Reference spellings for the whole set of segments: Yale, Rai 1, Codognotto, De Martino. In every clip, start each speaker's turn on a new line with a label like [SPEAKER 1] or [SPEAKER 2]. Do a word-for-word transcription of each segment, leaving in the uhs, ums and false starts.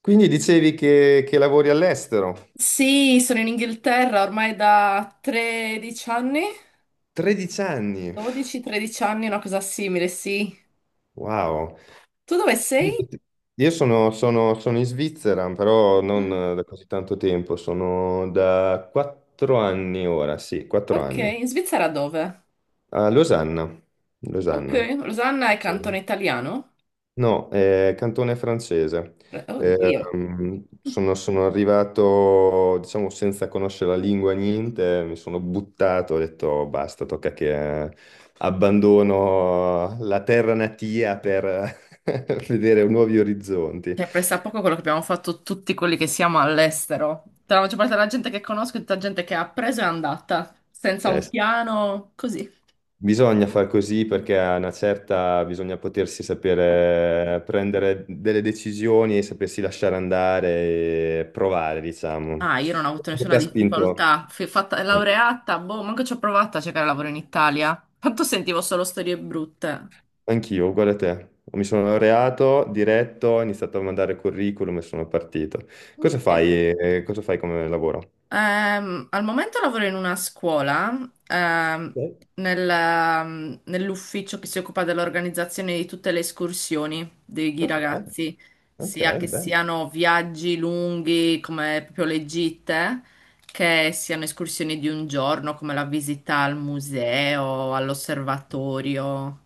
[SPEAKER 1] Quindi dicevi che, che lavori all'estero?
[SPEAKER 2] Sì, sono in Inghilterra ormai da tredici anni,
[SPEAKER 1] tredici anni,
[SPEAKER 2] dodici tredici anni, una cosa simile, sì.
[SPEAKER 1] wow.
[SPEAKER 2] Tu dove sei?
[SPEAKER 1] Io sono, sono- sono in Svizzera, però non
[SPEAKER 2] Mm.
[SPEAKER 1] da così tanto tempo, sono da quattro anni ora, sì, quattro
[SPEAKER 2] Ok,
[SPEAKER 1] anni,
[SPEAKER 2] in Svizzera dove?
[SPEAKER 1] a Losanna.
[SPEAKER 2] Ok,
[SPEAKER 1] Losanna.
[SPEAKER 2] Rosanna è cantone italiano?
[SPEAKER 1] No, è cantone francese.
[SPEAKER 2] Pre-
[SPEAKER 1] Eh,
[SPEAKER 2] Oddio.
[SPEAKER 1] Mm. ehm, sono, sono arrivato, diciamo, senza conoscere la lingua, niente, mi sono buttato, ho detto basta, tocca che eh, abbandono la terra natia per vedere nuovi orizzonti.
[SPEAKER 2] Cioè, presta poco quello che abbiamo fatto tutti quelli che siamo all'estero. Tra la maggior parte della gente che conosco, e tutta gente che ha preso e è andata, senza
[SPEAKER 1] Eh,
[SPEAKER 2] un
[SPEAKER 1] s-
[SPEAKER 2] piano, così.
[SPEAKER 1] Bisogna far così perché a una certa bisogna potersi sapere prendere delle decisioni e sapersi lasciare andare e provare, diciamo.
[SPEAKER 2] Ah, io non ho avuto
[SPEAKER 1] Cosa ti
[SPEAKER 2] nessuna
[SPEAKER 1] ha spinto?
[SPEAKER 2] difficoltà. Fui fatta
[SPEAKER 1] Mm.
[SPEAKER 2] laureata, boh, manco ci ho provato a cercare lavoro in Italia. Tanto sentivo solo storie brutte.
[SPEAKER 1] Anch'io, uguale a te. Mi sono laureato, diretto, ho iniziato a mandare curriculum e sono partito. Cosa
[SPEAKER 2] Ok.
[SPEAKER 1] fai, eh, cosa fai come lavoro?
[SPEAKER 2] Ehm, al momento lavoro in una scuola, ehm,
[SPEAKER 1] Ok.
[SPEAKER 2] nel, ehm, nell'ufficio che si occupa dell'organizzazione di tutte le escursioni dei
[SPEAKER 1] Ok,
[SPEAKER 2] ragazzi,
[SPEAKER 1] ok,
[SPEAKER 2] sia che
[SPEAKER 1] bene.
[SPEAKER 2] siano viaggi lunghi come proprio le gite, che siano escursioni di un giorno come la visita al museo, all'osservatorio.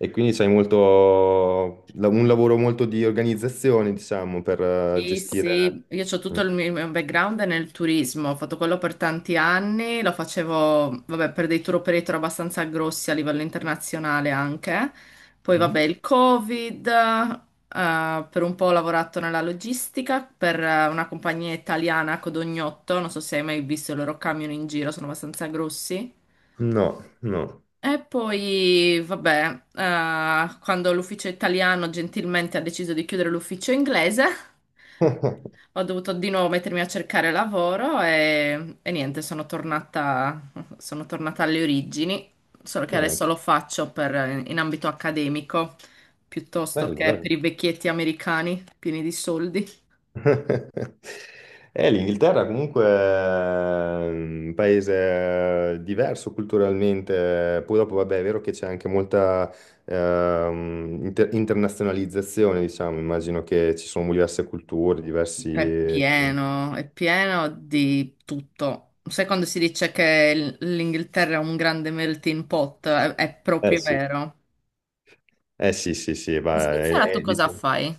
[SPEAKER 1] E quindi c'hai molto, la- un lavoro molto di organizzazione, diciamo, per eh,
[SPEAKER 2] Sì,
[SPEAKER 1] gestire...
[SPEAKER 2] sì, io ho
[SPEAKER 1] Mm.
[SPEAKER 2] tutto il mio mio background nel turismo, ho fatto quello per tanti anni, lo facevo, vabbè, per dei tour operator abbastanza grossi a livello internazionale anche. Poi, vabbè,
[SPEAKER 1] Mhm.
[SPEAKER 2] il Covid, eh, per un po' ho lavorato nella logistica per eh, una compagnia italiana, Codognotto, non so se hai mai visto i loro camion in giro, sono abbastanza grossi.
[SPEAKER 1] No, no.
[SPEAKER 2] E poi, vabbè, eh, quando l'ufficio italiano gentilmente ha deciso di chiudere l'ufficio inglese, ho dovuto di nuovo mettermi a cercare lavoro e, e niente, sono tornata, sono tornata alle origini, solo che
[SPEAKER 1] Eh,
[SPEAKER 2] adesso lo faccio per- in ambito accademico piuttosto
[SPEAKER 1] Bello,
[SPEAKER 2] che per
[SPEAKER 1] bello.
[SPEAKER 2] i vecchietti americani pieni di soldi.
[SPEAKER 1] Eh, L'Inghilterra comunque è un paese eh, diverso culturalmente, poi dopo vabbè è vero che c'è anche molta ehm, inter- internazionalizzazione, diciamo, immagino che ci sono diverse culture,
[SPEAKER 2] È
[SPEAKER 1] diversi...
[SPEAKER 2] pieno, è pieno di tutto. Sai quando si dice che l- l'Inghilterra è un grande melting pot? È, è
[SPEAKER 1] Eh
[SPEAKER 2] proprio
[SPEAKER 1] sì.
[SPEAKER 2] vero.
[SPEAKER 1] Eh sì, sì, sì,
[SPEAKER 2] In
[SPEAKER 1] va, è,
[SPEAKER 2] Svizzera tu
[SPEAKER 1] è-
[SPEAKER 2] cosa
[SPEAKER 1] diciamo-
[SPEAKER 2] fai?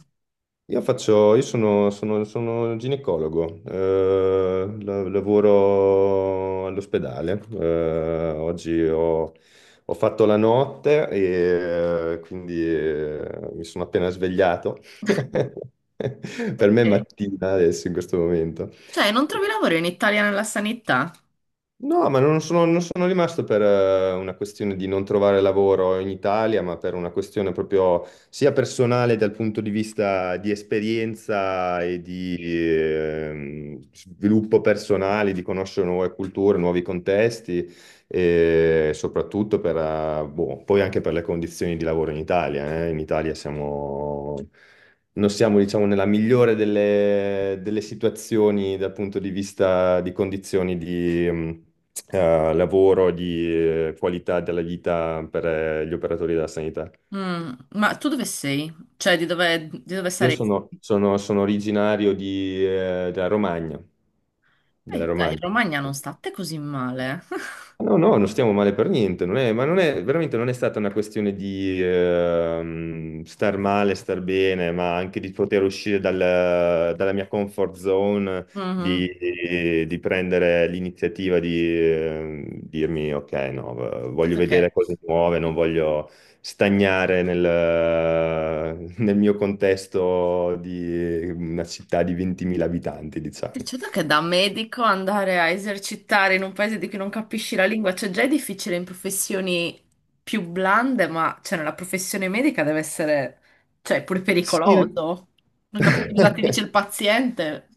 [SPEAKER 1] Io faccio, io sono, sono- sono ginecologo, eh, la- lavoro all'ospedale, eh, oggi ho, ho fatto la notte e eh, quindi eh, mi sono appena svegliato, per me è
[SPEAKER 2] Ok.
[SPEAKER 1] mattina adesso in questo momento.
[SPEAKER 2] Cioè, non trovi lavoro in Italia nella sanità?
[SPEAKER 1] No, ma non sono, non sono rimasto per eh, una questione di non trovare lavoro in Italia, ma per una questione proprio sia personale dal punto di vista di esperienza e di ehm, sviluppo personale, di conoscere nuove culture, nuovi contesti e soprattutto per, eh, boh, poi anche per le condizioni di lavoro in Italia. eh. In Italia siamo... Non siamo, diciamo, nella migliore delle, delle situazioni dal punto di vista di condizioni di, mh, eh, lavoro, di eh, qualità della vita per eh, gli operatori della sanità.
[SPEAKER 2] Mm, ma tu dove sei? Cioè, di dove, di dove
[SPEAKER 1] Io
[SPEAKER 2] sarei?
[SPEAKER 1] sono, sono- sono originario di, eh, della Romagna,
[SPEAKER 2] Eh,
[SPEAKER 1] della
[SPEAKER 2] dai, in
[SPEAKER 1] Romagna.
[SPEAKER 2] Romagna non state così male.
[SPEAKER 1] No, no, non stiamo male per niente, non è- ma non è, veramente non è stata una questione di ehm, star male, star bene, ma anche di poter uscire dal- dalla mia comfort zone, di,
[SPEAKER 2] Mhm.
[SPEAKER 1] di- di prendere l'iniziativa di ehm, dirmi, ok, no, v- voglio
[SPEAKER 2] Certo
[SPEAKER 1] vedere
[SPEAKER 2] che
[SPEAKER 1] cose nuove, non voglio stagnare nel, nel mio contesto di una città di ventimila abitanti, diciamo.
[SPEAKER 2] certo che da medico andare a esercitare in un paese di cui non capisci la lingua, cioè già è difficile in professioni più blande, ma cioè nella professione medica deve essere, cioè, pure
[SPEAKER 1] Sì.
[SPEAKER 2] pericoloso. Non capisci cosa ti dice il paziente.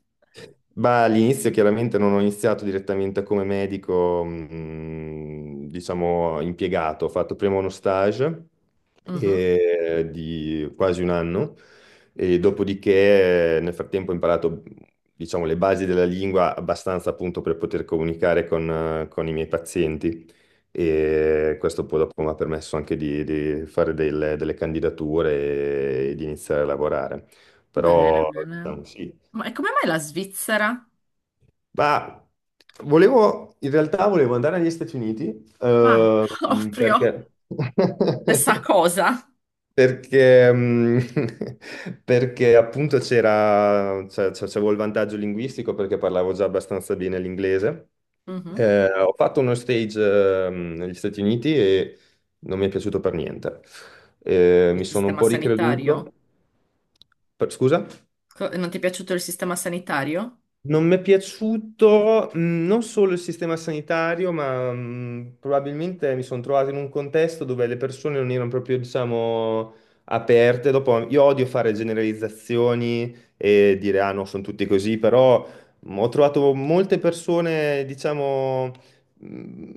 [SPEAKER 1] Ma all'inizio chiaramente non ho iniziato direttamente come medico, mm, diciamo, impiegato, ho fatto prima uno stage
[SPEAKER 2] Mhm.
[SPEAKER 1] eh, di quasi un anno e dopodiché eh, nel frattempo ho imparato, diciamo, le basi della lingua abbastanza appunto per poter comunicare con, eh, con i miei pazienti e questo poi dopo mi ha permesso anche di, di fare delle, delle candidature e, e di iniziare a lavorare.
[SPEAKER 2] Bene,
[SPEAKER 1] Però,
[SPEAKER 2] bene.
[SPEAKER 1] diciamo, sì.
[SPEAKER 2] Ma e come mai la Svizzera?
[SPEAKER 1] Ma volevo, in realtà volevo andare negli Stati Uniti,
[SPEAKER 2] Ah,
[SPEAKER 1] eh,
[SPEAKER 2] proprio
[SPEAKER 1] perché...
[SPEAKER 2] stessa cosa.
[SPEAKER 1] Perché, mm, perché appunto c'era, cioè, cioè, c'avevo il vantaggio linguistico perché parlavo già abbastanza bene l'inglese.
[SPEAKER 2] Mhm.
[SPEAKER 1] Eh, ho fatto uno stage, ehm, negli Stati Uniti e non mi è piaciuto per niente. Eh,
[SPEAKER 2] Il
[SPEAKER 1] mi sono un
[SPEAKER 2] sistema
[SPEAKER 1] po'
[SPEAKER 2] sanitario.
[SPEAKER 1] ricreduto. Per- scusa?
[SPEAKER 2] Co- Non ti è piaciuto il sistema sanitario?
[SPEAKER 1] Non mi è piaciuto mh, non solo il sistema sanitario, ma mh, probabilmente mi sono trovato in un contesto dove le persone non erano proprio, diciamo, aperte. Dopo, io odio fare generalizzazioni e dire, ah no, sono tutti così, però mh, ho trovato molte persone, diciamo, mh,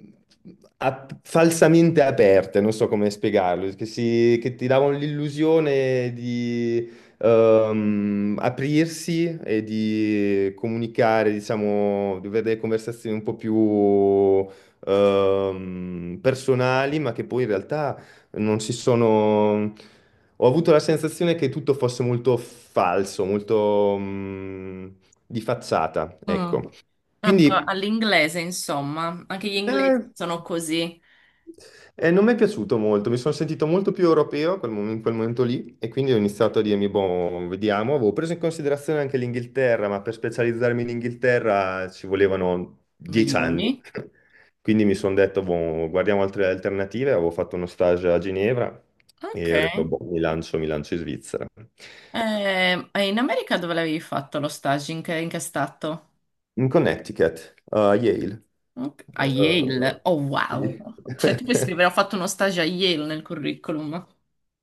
[SPEAKER 1] ap- falsamente aperte, non so come spiegarlo, che, si- che ti davano l'illusione di ehm, aprirsi e di comunicare, diciamo, di avere delle conversazioni un po' più ehm, personali, ma che poi in realtà non si sono... Ho avuto la sensazione che tutto fosse molto falso, molto mm, di facciata,
[SPEAKER 2] Mm.
[SPEAKER 1] ecco.
[SPEAKER 2] Ah, pro-
[SPEAKER 1] Quindi...
[SPEAKER 2] All'inglese, insomma, anche gli
[SPEAKER 1] eh,
[SPEAKER 2] inglesi sono così.
[SPEAKER 1] e non mi è piaciuto molto, mi sono sentito molto più europeo quel mom- in quel momento lì e quindi ho iniziato a dirmi, boh, vediamo, avevo preso in considerazione anche l'Inghilterra, ma per specializzarmi in Inghilterra ci volevano dieci
[SPEAKER 2] Milioni.
[SPEAKER 1] anni, quindi mi sono detto, boh, guardiamo altre alternative, avevo fatto uno stage a Ginevra
[SPEAKER 2] Ok.
[SPEAKER 1] e ho detto,
[SPEAKER 2] Eh,
[SPEAKER 1] boh, mi lancio, mi lancio in Svizzera.
[SPEAKER 2] e, in America dove l'avevi fatto lo stage? In che, in che stato?
[SPEAKER 1] In Connecticut, a Yale.
[SPEAKER 2] Ok. A Yale.
[SPEAKER 1] Eh,
[SPEAKER 2] Oh,
[SPEAKER 1] sì.
[SPEAKER 2] wow. Cioè, tu puoi scrivere, ho fatto uno stage a Yale nel curriculum.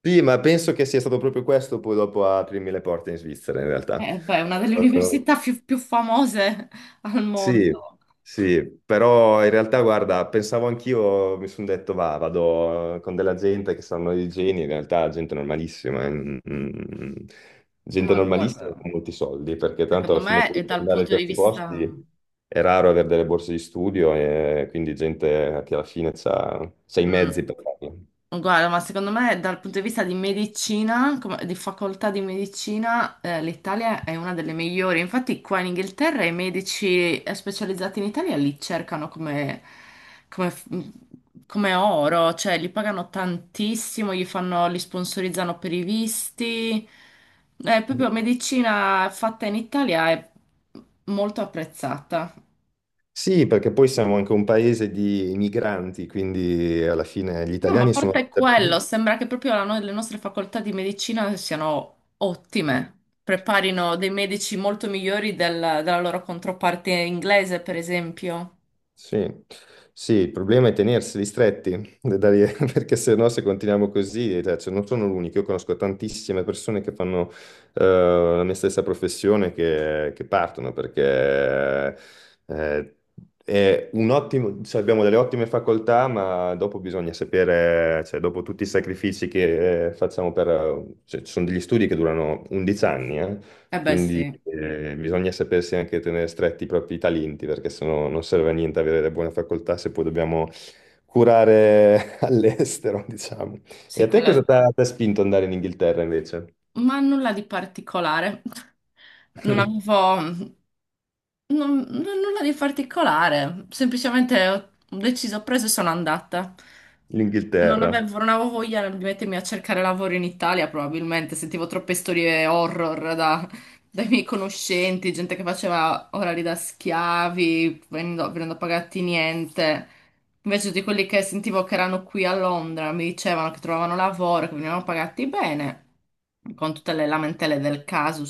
[SPEAKER 1] Sì, ma penso che sia stato proprio questo poi dopo a aprirmi le porte in Svizzera, in realtà.
[SPEAKER 2] Eh, beh, è una delle
[SPEAKER 1] Eh,
[SPEAKER 2] università più, più famose al
[SPEAKER 1] sì,
[SPEAKER 2] mondo.
[SPEAKER 1] sì, però in realtà, guarda, pensavo anch'io, mi sono detto, va, vado eh, con della gente che sanno di geni, in realtà gente normalissima, eh, mm, mm, gente
[SPEAKER 2] Ma
[SPEAKER 1] normalissima
[SPEAKER 2] guarda,
[SPEAKER 1] con molti soldi, perché tanto
[SPEAKER 2] secondo
[SPEAKER 1] alla fine
[SPEAKER 2] me
[SPEAKER 1] poi
[SPEAKER 2] è
[SPEAKER 1] per
[SPEAKER 2] dal
[SPEAKER 1] andare in
[SPEAKER 2] punto di
[SPEAKER 1] questi
[SPEAKER 2] vista...
[SPEAKER 1] posti è raro avere delle borse di studio e quindi gente che alla fine ha i mezzi
[SPEAKER 2] Mm.
[SPEAKER 1] per farlo.
[SPEAKER 2] Guarda, ma secondo me dal punto di vista di medicina, come- di facoltà di medicina, eh, l'Italia è una delle migliori. Infatti qua in Inghilterra i medici eh, specializzati in Italia li cercano come, come f- mm, come oro, cioè li pagano tantissimo, gli fanno, li sponsorizzano per i visti. Eh, proprio medicina fatta in Italia è molto apprezzata.
[SPEAKER 1] Sì, perché poi siamo anche un paese di migranti, quindi alla fine gli
[SPEAKER 2] No, ma a
[SPEAKER 1] italiani sono
[SPEAKER 2] parte quello,
[SPEAKER 1] dappertutto.
[SPEAKER 2] sembra che proprio la no- le nostre facoltà di medicina siano ottime. Preparino dei medici molto migliori del- della loro controparte inglese, per esempio.
[SPEAKER 1] Sì, sì, il problema è tenerseli stretti, da dare- perché se no se continuiamo così, eh, cioè, cioè, non sono l'unico, io conosco tantissime persone che fanno eh, la mia stessa professione che, che partono, perché eh, è un ottimo, cioè, abbiamo delle ottime facoltà, ma dopo bisogna sapere, cioè, dopo tutti i sacrifici che eh, facciamo per... cioè, ci sono degli studi che durano undici anni, eh,
[SPEAKER 2] Eh beh, sì,
[SPEAKER 1] quindi eh, bisogna sapersi anche tenere stretti i propri talenti, perché sennò non serve a niente avere le buone facoltà se poi dobbiamo curare all'estero, diciamo. E
[SPEAKER 2] sì,
[SPEAKER 1] a
[SPEAKER 2] con
[SPEAKER 1] te cosa
[SPEAKER 2] le-
[SPEAKER 1] ti ha ti ha spinto ad andare in Inghilterra invece?
[SPEAKER 2] ma nulla di particolare. Non avevo. Non, non- nulla di particolare, semplicemente ho ho deciso, ho preso e sono andata. Non
[SPEAKER 1] L'Inghilterra.
[SPEAKER 2] avevo, non avevo voglia di mettermi a cercare lavoro in Italia, probabilmente sentivo troppe storie horror da- dai miei conoscenti, gente che faceva orari da schiavi, venendo, venendo pagati niente. Invece di quelli che sentivo che erano qui a Londra, mi dicevano che trovavano lavoro, che venivano pagati bene, con tutte le lamentele del caso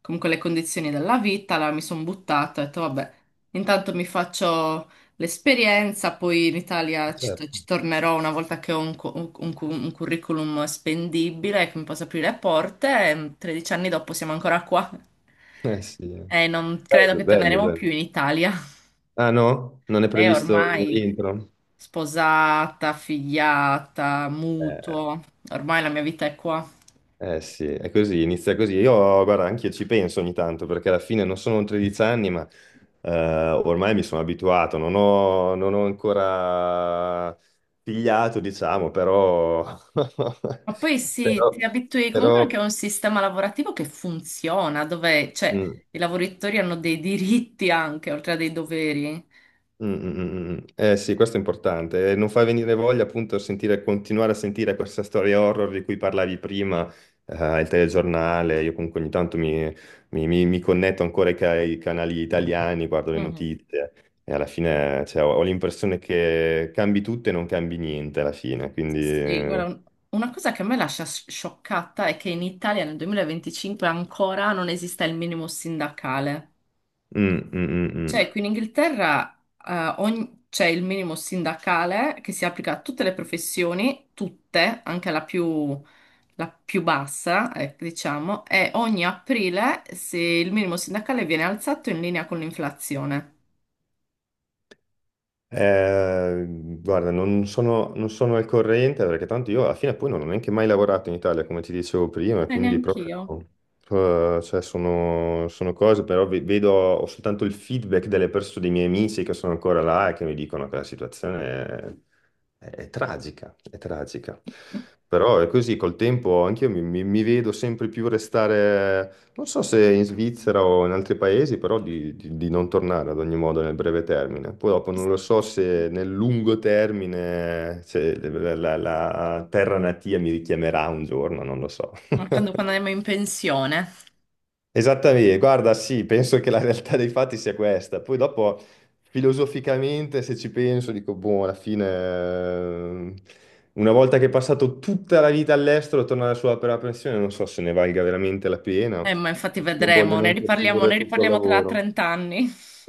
[SPEAKER 2] comunque le condizioni della vita, allora mi sono buttata, ho detto vabbè, intanto mi faccio l'esperienza, poi in Italia ci,
[SPEAKER 1] Certo.
[SPEAKER 2] ci tornerò una volta che ho un, cu- un- un cu- un curriculum spendibile che mi possa aprire le porte e tredici anni dopo siamo ancora qua
[SPEAKER 1] Eh sì.
[SPEAKER 2] e
[SPEAKER 1] Bello,
[SPEAKER 2] non credo che
[SPEAKER 1] bello,
[SPEAKER 2] torneremo più
[SPEAKER 1] bello.
[SPEAKER 2] in Italia.
[SPEAKER 1] Ah no? Non è
[SPEAKER 2] E
[SPEAKER 1] previsto un
[SPEAKER 2] ormai
[SPEAKER 1] rientro?
[SPEAKER 2] sposata, figliata,
[SPEAKER 1] Eh,
[SPEAKER 2] mutuo, ormai la mia vita è qua.
[SPEAKER 1] Eh sì, è così, inizia così. Io, guarda, anch'io ci penso ogni tanto perché alla fine non sono tredici anni, ma eh, ormai mi sono abituato, non ho, non ho ancora pigliato, diciamo, però,
[SPEAKER 2] Ma poi sì,
[SPEAKER 1] però,
[SPEAKER 2] ti abitui comunque anche a
[SPEAKER 1] però,
[SPEAKER 2] un sistema lavorativo che funziona, dove, cioè,
[SPEAKER 1] mm,
[SPEAKER 2] i lavoratori hanno dei diritti anche, oltre a dei doveri.
[SPEAKER 1] Mm, mm, mm, mm. Mm. Eh sì, questo è importante. Eh, Non fa venire voglia appunto sentire, continuare a sentire questa storia horror di cui parlavi prima, eh, il telegiornale. Io comunque ogni tanto mi, mi- mi- mi connetto ancora ai, ca- ai canali italiani, guardo le
[SPEAKER 2] Mhm.
[SPEAKER 1] notizie e alla fine cioè, ho, ho l'impressione che cambi tutto e non cambi niente alla fine. Quindi...
[SPEAKER 2] Sì, guarda,
[SPEAKER 1] eh,
[SPEAKER 2] un- una cosa che a me lascia sci- scioccata è che in Italia nel duemilaventicinque ancora non esista il minimo sindacale.
[SPEAKER 1] mm, mm, mm, mm.
[SPEAKER 2] Cioè, qui in Inghilterra eh, ogni- c'è il minimo sindacale che si applica a tutte le professioni, tutte, anche la più, la più bassa, eh, diciamo, e ogni aprile se il minimo sindacale viene alzato in linea con l'inflazione.
[SPEAKER 1] Eh, guarda, non sono, non sono al corrente perché tanto io alla fine poi non ho neanche mai lavorato in Italia, come ti dicevo prima,
[SPEAKER 2] Eh,
[SPEAKER 1] quindi
[SPEAKER 2] neanch'io.
[SPEAKER 1] proprio eh, cioè, sono, sono cose, però ve- vedo, ho soltanto il feedback delle persone, dei miei amici che sono ancora là e che mi dicono che la situazione è, è tragica, è tragica. Però è così, col tempo anche io mi, mi- mi vedo sempre più restare non so se in Svizzera o in altri paesi, però di, di- di non tornare ad ogni modo nel breve termine. Poi dopo non lo so se nel lungo termine, se la, la- la terra natia mi richiamerà un giorno, non lo so.
[SPEAKER 2] Mancando quando andiamo in pensione.
[SPEAKER 1] Esattamente, guarda, sì, penso che la realtà dei fatti sia questa. Poi dopo, filosoficamente, se ci penso, dico, boh, alla fine, eh, una volta che è passato tutta la vita all'estero, tornare sulla propria pensione, non so se ne valga veramente la pena,
[SPEAKER 2] Eh, ma infatti
[SPEAKER 1] perché non voglio
[SPEAKER 2] vedremo, ne
[SPEAKER 1] neanche
[SPEAKER 2] riparliamo,
[SPEAKER 1] ridurre
[SPEAKER 2] ne
[SPEAKER 1] tutto il
[SPEAKER 2] riparliamo tra
[SPEAKER 1] lavoro.
[SPEAKER 2] trenta anni.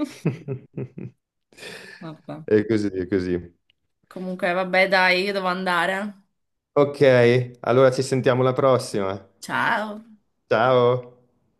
[SPEAKER 2] Vabbè.
[SPEAKER 1] E così, e così.
[SPEAKER 2] Comunque, vabbè, dai, io devo andare.
[SPEAKER 1] Ok, allora ci sentiamo alla prossima.
[SPEAKER 2] Ciao.
[SPEAKER 1] Ciao.